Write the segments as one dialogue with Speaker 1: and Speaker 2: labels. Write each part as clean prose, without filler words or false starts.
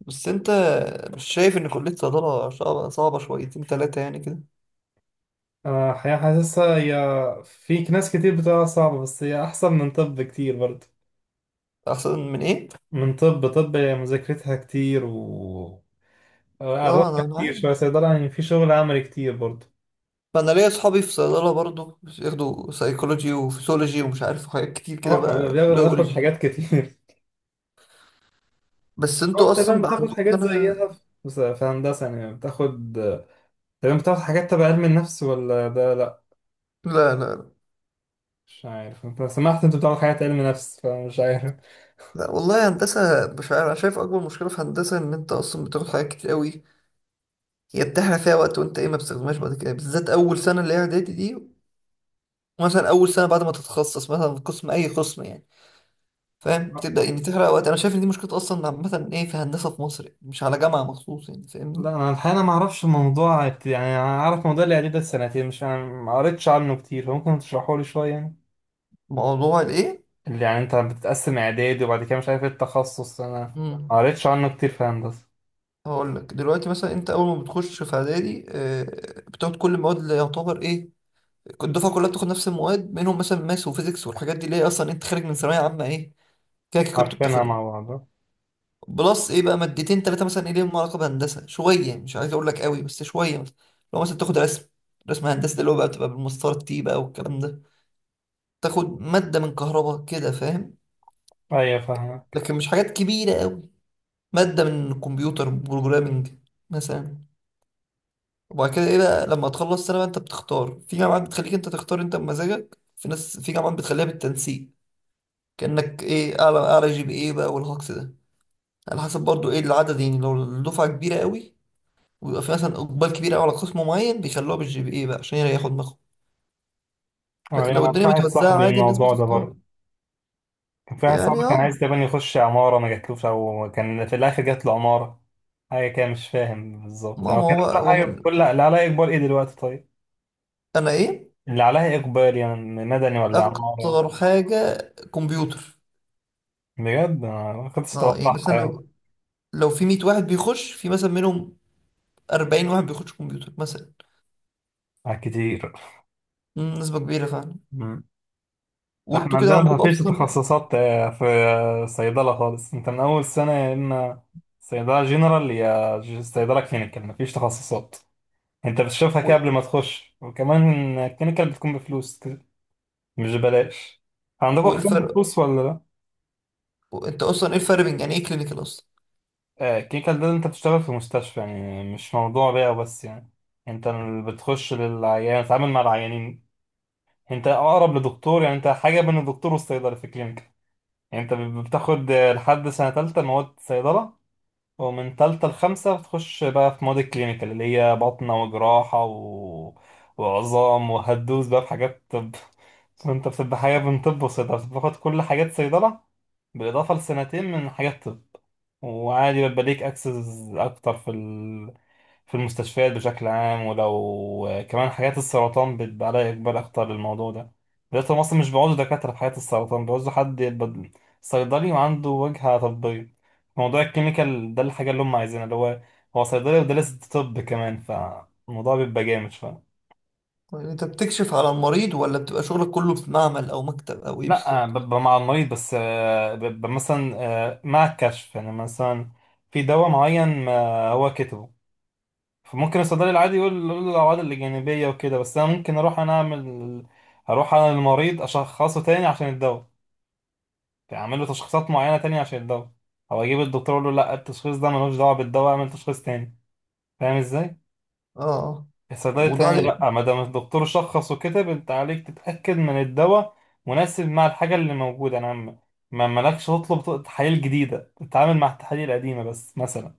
Speaker 1: بس انت مش شايف ان كلية صيدلة صعبة صعبة شويتين تلاتة يعني كده؟
Speaker 2: آه، حقيقة حاسسها هي. فيك ناس كتير بتقولها صعبة، بس هي أحسن من طب كتير برضه.
Speaker 1: احسن من ايه؟
Speaker 2: من طب هي مذاكرتها كتير. و أروح
Speaker 1: اه انا
Speaker 2: كتير
Speaker 1: عارف.
Speaker 2: شوية. صيدلة يعني في شغل عملي كتير برضه.
Speaker 1: فانا ليا اصحابي في صيدلة برضو بياخدوا سايكولوجي وفسيولوجي ومش عارف حاجات كتير كده
Speaker 2: اه حبيبي،
Speaker 1: بقى
Speaker 2: بناخد
Speaker 1: الاولوجي.
Speaker 2: حاجات كتير.
Speaker 1: بس
Speaker 2: أو
Speaker 1: انتوا اصلا
Speaker 2: تمام،
Speaker 1: بقى
Speaker 2: بتاخد
Speaker 1: عندكم
Speaker 2: حاجات
Speaker 1: انا...
Speaker 2: زيها في في هندسة، يعني بتاخد. تمام، بتاخد حاجات تبع علم النفس ولا ده لأ؟
Speaker 1: لا لا.
Speaker 2: مش عارف أنت سمعت، أنت بتاخد حاجات علم نفس فمش عارف.
Speaker 1: لا والله هندسة. مش عارف، انا شايف اكبر مشكلة في هندسة ان انت اصلا بتاخد حاجات كتير قوي، هي بتحرق فيها وقت وانت ايه ما بتستخدمهاش بعد كده، بالذات اول سنة اللي هي اعدادي دي. مثلا اول سنة بعد ما تتخصص مثلا في قسم اي قسم يعني، فاهم، بتبدأ يعني تحرق وقت. انا شايف ان دي مشكلة اصلا عامة ايه في هندسة في مصر يعني، مش على جامعة مخصوص يعني، فاهمني.
Speaker 2: لا، انا الحقيقه انا ما اعرفش الموضوع. يعني انا اعرف موضوع الاعداد ده سنتين، مش ما قريتش عنه كتير، فممكن تشرحه لي شويه يعني.
Speaker 1: موضوع الايه؟
Speaker 2: اللي يعني انت بتتقسم اعدادي وبعد كده مش عارف ايه التخصص، انا
Speaker 1: امم
Speaker 2: ما قريتش عنه كتير في هندسه.
Speaker 1: هقول لك دلوقتي. مثلا انت اول ما بتخش في اعدادي بتاخد كل المواد، اللي يعتبر ايه الدفعة كلها بتاخد نفس المواد، منهم مثلا ماس وفيزيكس والحاجات دي اللي هي اصلا انت خارج من ثانوية عامة ايه كده كده كنت
Speaker 2: عارفينها
Speaker 1: بتاخده.
Speaker 2: مع بعض.
Speaker 1: بلس ايه بقى مادتين ثلاثة مثلا ايه ليهم علاقة بهندسة شوية، يعني مش عايز اقول لك قوي بس شوية. مثلا لو مثلا تاخد رسم هندسة اللي هو بقى بتبقى بالمسطرة تي بقى والكلام ده. تاخد مادة من كهرباء كده، فاهم؟
Speaker 2: ايوه فاهمك.
Speaker 1: لكن مش حاجات كبيرة قوي. مادة من كمبيوتر بروجرامنج مثلا. وبعد كده ايه بقى لما تخلص سنة بقى انت بتختار. في جامعات بتخليك انت تختار انت بمزاجك، في ناس في جامعات بتخليها بالتنسيق، كأنك ايه اعلى اعلى جي بي ايه بقى والهكس ده. على حسب برضو ايه العدد، يعني لو الدفعة كبيرة قوي ويبقى في مثلا اقبال كبير قوي على قسم معين بيخلوها بالجي بي اي بقى عشان يريحوا دماغهم.
Speaker 2: أه، انا
Speaker 1: لكن لو
Speaker 2: يعني في
Speaker 1: الدنيا
Speaker 2: واحد
Speaker 1: متوزعة
Speaker 2: صاحبي
Speaker 1: عادي الناس
Speaker 2: الموضوع ده
Speaker 1: بتختار.
Speaker 2: برضه. كان في واحد صاحبي
Speaker 1: يعني اه،
Speaker 2: كان عايز تقريبا يخش عماره، ما جاتلوش، او كان في الاخر جات له عماره. حاجه كده، مش فاهم بالظبط.
Speaker 1: ما
Speaker 2: يعني هو
Speaker 1: ما
Speaker 2: كان لا
Speaker 1: هو
Speaker 2: حاجه.
Speaker 1: من
Speaker 2: كل اللي عليا اكبر ايه دلوقتي؟ طيب،
Speaker 1: انا ايه
Speaker 2: اللي عليا اكبر يعني مدني ولا عماره؟
Speaker 1: اكتر حاجه كمبيوتر.
Speaker 2: بجد أنا ما كنتش
Speaker 1: اه يعني
Speaker 2: اتوقعها
Speaker 1: مثلا
Speaker 2: يعني.
Speaker 1: لو في 100 واحد بيخش في مثلا منهم 40 واحد بيخش كمبيوتر مثلا.
Speaker 2: على كتير.
Speaker 1: مم، نسبه كبيره فعلا.
Speaker 2: مم. لا، احنا
Speaker 1: وانتوا كده
Speaker 2: عندنا ما
Speaker 1: عندكم
Speaker 2: فيش
Speaker 1: اصلا
Speaker 2: تخصصات. في صيدلة خالص انت من اول سنة، يا اما صيدلة جنرال يا صيدلة كلينيكال. ما فيش تخصصات، انت بتشوفها كده
Speaker 1: و-
Speaker 2: قبل ما تخش. وكمان الكلينيكال بتكون بفلوس كده، مش ببلاش. عندكم
Speaker 1: وايه
Speaker 2: اقسام
Speaker 1: الفرق،
Speaker 2: بفلوس ولا لا؟
Speaker 1: انت اصلا ايه الفرق بين يعني ايه كلينيكال اصلا؟
Speaker 2: الكلينيكال ده انت بتشتغل في مستشفى، يعني مش موضوع بيع بس. يعني انت اللي بتخش للعيان، بتتعامل مع العيانين. انت اقرب لدكتور، يعني انت حاجه بين الدكتور والصيدلي في الكلينيك. يعني انت بتاخد لحد سنه ثالثه مواد صيدله، ومن ثالثه لخمسه بتخش بقى في مواد الكلينيكال اللي هي بطنه وجراحه وعظام، وهتدوس بقى في حاجات طب. فانت بتبقى حاجه بين طب وصيدله، بتاخد كل حاجات صيدله بالاضافه لسنتين من حاجات طب. وعادي بيبقى ليك اكسس اكتر في في المستشفيات بشكل عام. ولو كمان حالات السرطان بيبقى عليها إقبال أكتر للموضوع ده. دلوقتي هم أصلا مش بيعوزوا دكاترة في حالات السرطان، بيعوزوا حد يبقى صيدلي وعنده وجهة طبية. موضوع الكيميكال ده الحاجة اللي هم عايزينها، اللي هو هو صيدلي ودارس طب كمان، فالموضوع بيبقى جامد شوية.
Speaker 1: يعني انت بتكشف على المريض ولا بتبقى شغلك كله في معمل او مكتب او ايه
Speaker 2: لا،
Speaker 1: بالظبط؟
Speaker 2: ببقى مع المريض بس. ببقى مثلا مع الكشف. يعني مثلا في دواء معين هو كتبه، فممكن الصيدلي العادي يقول له الأعراض الجانبية وكده، بس أنا ممكن أروح أنا أعمل. هروح أنا للمريض أشخصه تاني عشان الدواء. يعني أعمل له تشخيصات معينة تانية عشان الدواء. أو أجيب الدكتور أقول له لأ، التشخيص ده ملوش دعوة بالدواء، أعمل تشخيص تاني. فاهم إزاي؟
Speaker 1: اه آه.
Speaker 2: الصيدلي
Speaker 1: وده
Speaker 2: التاني
Speaker 1: عليه.
Speaker 2: لأ، ما دام الدكتور شخص وكتب، أنت عليك تتأكد من الدواء مناسب مع الحاجة اللي موجودة. ما مالكش تطلب تحاليل جديدة، تتعامل مع التحاليل القديمة بس مثلا،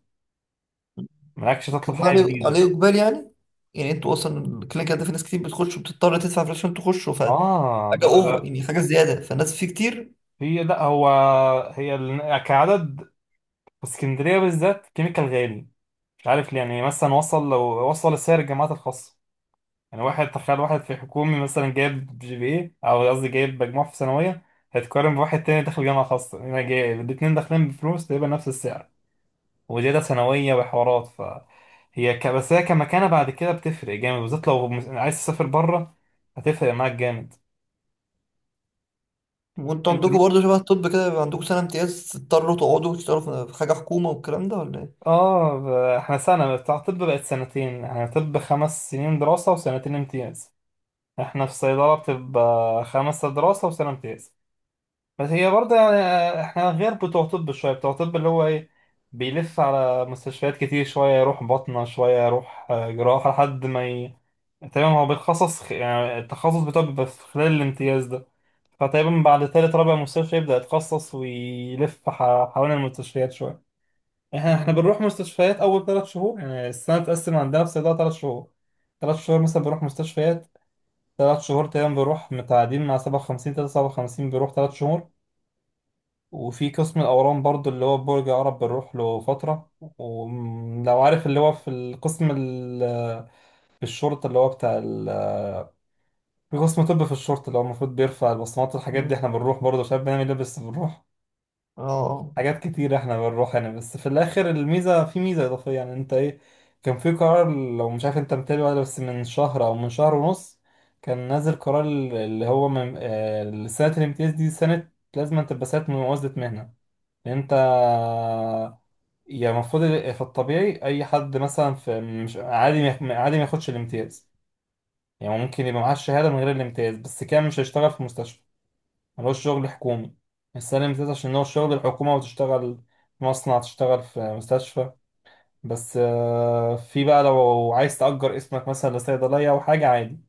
Speaker 2: مالكش تطلب
Speaker 1: وده
Speaker 2: حاجة
Speaker 1: عليه
Speaker 2: جديدة.
Speaker 1: اقبال يعني؟ يعني انتوا اصلا الكلينيكال ده في ناس كتير بتخش وبتضطر تدفع فلوس عشان تخشوا
Speaker 2: آه
Speaker 1: فحاجه
Speaker 2: ده
Speaker 1: اوفر
Speaker 2: ده
Speaker 1: يعني، حاجه زياده فالناس فيه كتير.
Speaker 2: هي لا، هو هي كعدد، في اسكندريه بالذات كيميكال غالي، مش عارف ليه. يعني مثلا وصل، لو وصل لسعر الجامعات الخاصه، يعني واحد تخيل، واحد في حكومي مثلا جايب جي بي اي، او قصدي جايب مجموع في ثانويه، هيتقارن بواحد تاني داخل جامعه خاصه هنا جايب، الاتنين داخلين بفلوس تقريبا نفس السعر وزياده ثانويه وحوارات. فهي بس هي كمكانه بعد كده بتفرق جامد، بالذات لو عايز تسافر بره، هتفرق معاك جامد.
Speaker 1: وانتوا عندكم برضه شبه الطب كده، يبقى عندكم سنة امتياز تضطروا تقعدوا تشتغلوا في حاجة حكومة والكلام ده ولا ايه؟
Speaker 2: اه ب- احنا سنة بتاع طب بقت سنتين، يعني طب 5 سنين دراسة وسنتين امتياز. احنا في صيدلة بتبقى خمسة دراسة وسنة امتياز. بس هي برضه يعني احنا غير بتوع طب شوية. بتوع طب اللي هو ايه، بيلف على مستشفيات كتير شوية، يروح باطنة شوية، يروح جراحة، لحد ما تقريبا هو بيتخصص. يعني التخصص بتاعه بيبقى في خلال الامتياز ده. فتقريبا بعد تالت رابع مستشفى يبدأ يتخصص، ويلف حوالين المستشفيات شوية. احنا
Speaker 1: مم.
Speaker 2: بنروح مستشفيات اول 3 شهور، يعني السنه بتتقسم عندنا في صيدله 3 شهور. ثلاث شهور مثلا بروح مستشفيات، 3 شهور تقريبا بروح متعادين مع 57، تلاتة 57 بيروح 3 شهور. وفي قسم الاورام برضو اللي هو برج عرب بنروح له فتره. ولو عارف اللي هو في القسم في الشرطه اللي هو بتاع في قسم طب في الشرطه، اللي هو المفروض بيرفع البصمات والحاجات
Speaker 1: مم.
Speaker 2: دي، احنا بنروح برضه شباب، بنعمل لبس، بنروح
Speaker 1: اه.
Speaker 2: حاجات كتير، احنا بنروح يعني. بس في الاخر الميزه، في ميزه اضافيه، يعني انت ايه، كان في قرار. لو مش عارف انت متابع ولا، بس من شهر او من شهر ونص كان نازل قرار اللي هو من سنه الامتياز دي سنه، لازم أن تبقى سنه ممازه مهنه. لأن انت يعني المفروض في الطبيعي اي حد مثلا في مش عادي عادي ما ياخدش الامتياز، يعني ممكن يبقى معاه الشهاده من غير الامتياز، بس كان مش هيشتغل في مستشفى، ملوش شغل حكومي. السلم ذات عشان هو شغل الحكومة، وتشتغل في مصنع، تشتغل في مستشفى. بس في بقى لو عايز تأجر اسمك مثلا لصيدلية أو حاجة، عادي.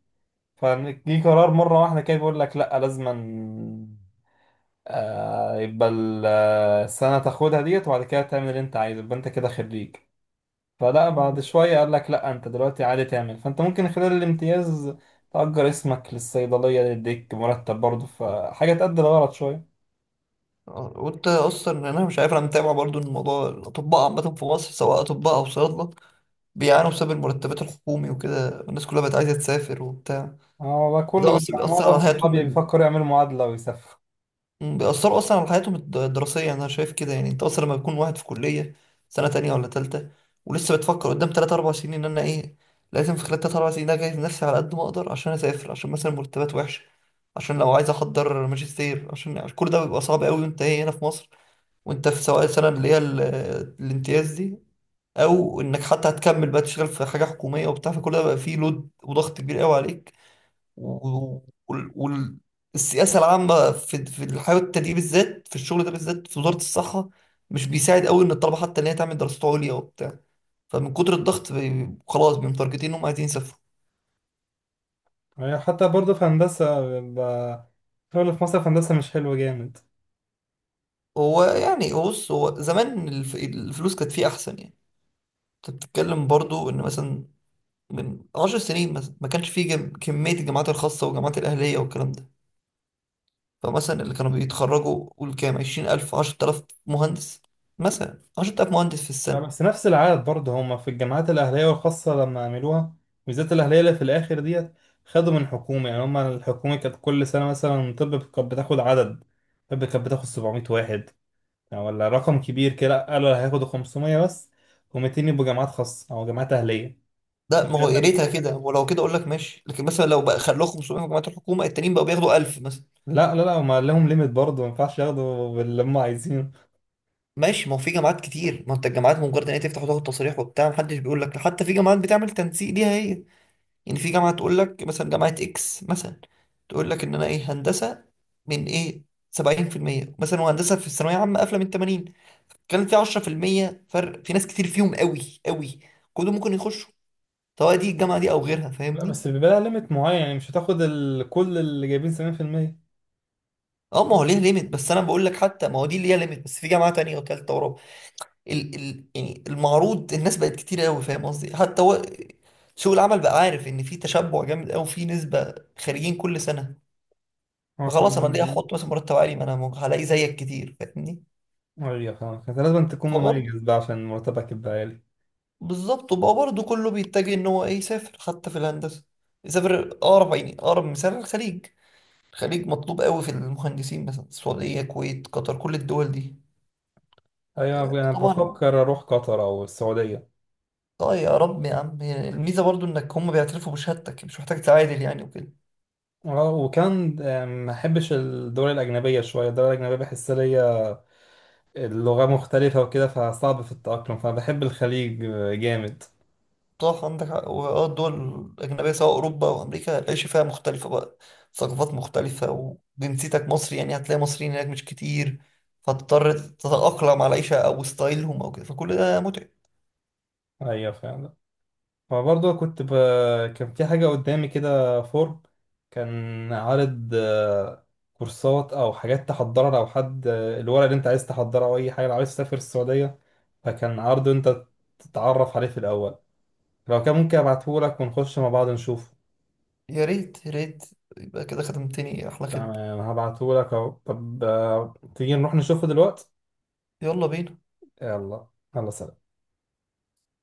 Speaker 2: فجي قرار مرة واحدة كده بيقول لك لأ، لازما يبقى السنة تاخدها ديت وبعد كده تعمل اللي أنت عايزه، يبقى أنت كده خريج. فلا بعد
Speaker 1: مم.
Speaker 2: شوية قال لك لأ، أنت دلوقتي عادي تعمل، فأنت ممكن خلال الامتياز تأجر اسمك للصيدلية، يديك مرتب برضه، فحاجة تأدي الغرض شوية.
Speaker 1: اه وانت اصلا، انا مش عارف، انا متابع برضه الموضوع. الاطباء عامة في مصر سواء اطباء او صيادلة بيعانوا بسبب المرتبات الحكومي وكده، الناس كلها بقت عايزة تسافر وبتاع.
Speaker 2: اه والله كله
Speaker 1: فده اصلا
Speaker 2: بيبقى،
Speaker 1: بيأثر
Speaker 2: معظم
Speaker 1: على حياتهم.
Speaker 2: صحابي بيفكروا يعملوا معادلة ويسافروا.
Speaker 1: مم، بيأثروا أصلا على حياتهم الدراسية. أنا شايف كده، يعني أنت أصلا لما بيكون واحد في كلية سنة تانية ولا تالتة ولسه بتفكر قدام تلات أربع سنين إن أنا إيه لازم في خلال تلات أربع سنين ده أجهز نفسي على قد ما أقدر عشان أسافر، عشان مثلا مرتبات وحشة، عشان لو عايز أحضر ماجستير، عشان كل ده بيبقى صعب أوي وأنت إيه هنا في مصر، وأنت في سواء السنة اللي هي الامتياز دي، أو إنك حتى هتكمل بقى تشتغل في حاجة حكومية وبتاع، فكل ده بقى فيه لود وضغط كبير أوي عليك. والسياسه العامه في الحياه، التدريب بالذات في الشغل ده، بالذات في وزاره الصحه مش بيساعد قوي ان الطلبه حتى ان هي تعمل دراسات عليا وبتاع. فمن كتر الضغط خلاص بمتارجتين انهم عايزين يسافروا.
Speaker 2: يعني حتى برضه في هندسة بيبقى الشغل في مصر في هندسة مش حلو جامد.
Speaker 1: هو يعني، هو بص، هو زمان الفلوس كانت فيه احسن يعني. انت بتتكلم برضو ان مثلا من 10 سنين مثلا ما كانش فيه كمية الجامعات الخاصة والجامعات الأهلية والكلام ده. فمثلا اللي كانوا بيتخرجوا قول كام، 20000، 10000 مهندس مثلا، 10000 مهندس في
Speaker 2: لا، بس
Speaker 1: السنة.
Speaker 2: نفس العدد برضه هما في الجامعات الأهلية والخاصة لما عملوها، بالذات الأهلية اللي في الآخر ديت خدوا من حكومة. يعني هما الحكومة كانت كل سنة مثلا طب كانت بتاخد عدد، طب كانت بتاخد 700 واحد يعني، ولا رقم كبير كده، قالوا هياخدوا 500 بس، و200 يبقوا جامعات خاصة أو جامعات أهلية.
Speaker 1: لا ما هو يا ريتها كده، ولو كده اقول لك ماشي، لكن مثلا لو بقى خلوه 500 في جامعه الحكومه التانيين بقوا بياخدوا 1000 مثلا.
Speaker 2: لا لا لا، هم لهم ليميت برضه، ما ينفعش ياخدوا باللي هم عايزينه.
Speaker 1: ماشي، ما هو في جامعات كتير، ما انت الجامعات مجرد ان هي تفتح وتاخد تصريح وبتاع محدش بيقول لك، حتى في جامعات بتعمل تنسيق ليها هي. يعني في جامعه تقول لك مثلا جامعه اكس مثلا، تقول لك ان انا ايه هندسه من ايه 70% مثلا، وهندسه في الثانويه عامه قافله من 80، كان في 10% فرق، في ناس كتير فيهم قوي قوي كلهم ممكن يخشوا سواء دي الجامعه دي او غيرها،
Speaker 2: لا
Speaker 1: فاهمني؟
Speaker 2: بس بيبقى لها ليميت معين، يعني مش هتاخد كل اللي جايبين 70%.
Speaker 1: اه ما هو ليه ليميت، بس انا بقول لك، حتى ما هو دي اللي هي ليميت، بس في جامعه تانية وتالتة ورابعه. ال يعني المعروض، الناس بقت كتير قوي، فاهم قصدي؟ حتى هو سوق العمل بقى عارف ان في تشبع جامد قوي في نسبه خارجين كل سنه.
Speaker 2: اه
Speaker 1: فخلاص انا ليه
Speaker 2: فاهم.
Speaker 1: احط مثلا مرتب عالي ما انا هلاقي زيك كتير، فاهمني؟
Speaker 2: ايوه فاهم، انت لازم تكون
Speaker 1: فبرضه
Speaker 2: مميز بقى عشان مرتبك يبقى عالي.
Speaker 1: بالظبط. وبقى برضه كله بيتجه ان هو ايه يسافر، حتى في الهندسه يسافر اقرب، يعني اقرب مثال الخليج. الخليج مطلوب قوي في المهندسين مثلا، السعوديه الكويت قطر كل الدول دي.
Speaker 2: ايوه انا
Speaker 1: طبعا.
Speaker 2: بفكر اروح قطر او السعوديه.
Speaker 1: طيب يا رب يا عم، يعني الميزة برضو انك هم بيعترفوا بشهادتك مش محتاج تعادل يعني وكده.
Speaker 2: اه، وكان ما احبش الدول الاجنبيه شويه. الدول الاجنبيه بحس ليا اللغه مختلفه وكده، فصعب في التاقلم، فبحب الخليج جامد.
Speaker 1: صح، عندك حق، واه الدول الأجنبية سواء أوروبا أو أمريكا العيش فيها مختلفة بقى، ثقافات مختلفة وجنسيتك مصري يعني هتلاقي مصريين هناك مش كتير، فتضطر تتأقلم على العيشة أو ستايلهم أو كده، فكل ده متعب.
Speaker 2: ايوه فاهم. فبرضه كان في حاجة قدامي كده فورم، كان عارض كورسات أو حاجات تحضرها لو حد، الورق اللي أنت عايز تحضره أو أي حاجة لو عايز تسافر السعودية، فكان عرض أنت تتعرف عليه في الأول. لو كان ممكن أبعتهولك ونخش مع بعض نشوفه.
Speaker 1: يا ريت يا ريت، يبقى كده خدمتني أحلى خدمة.
Speaker 2: تمام هبعتهولك أهو. طب تيجي نروح نشوفه دلوقتي.
Speaker 1: يلا بينا.
Speaker 2: يلا. يلا سلام.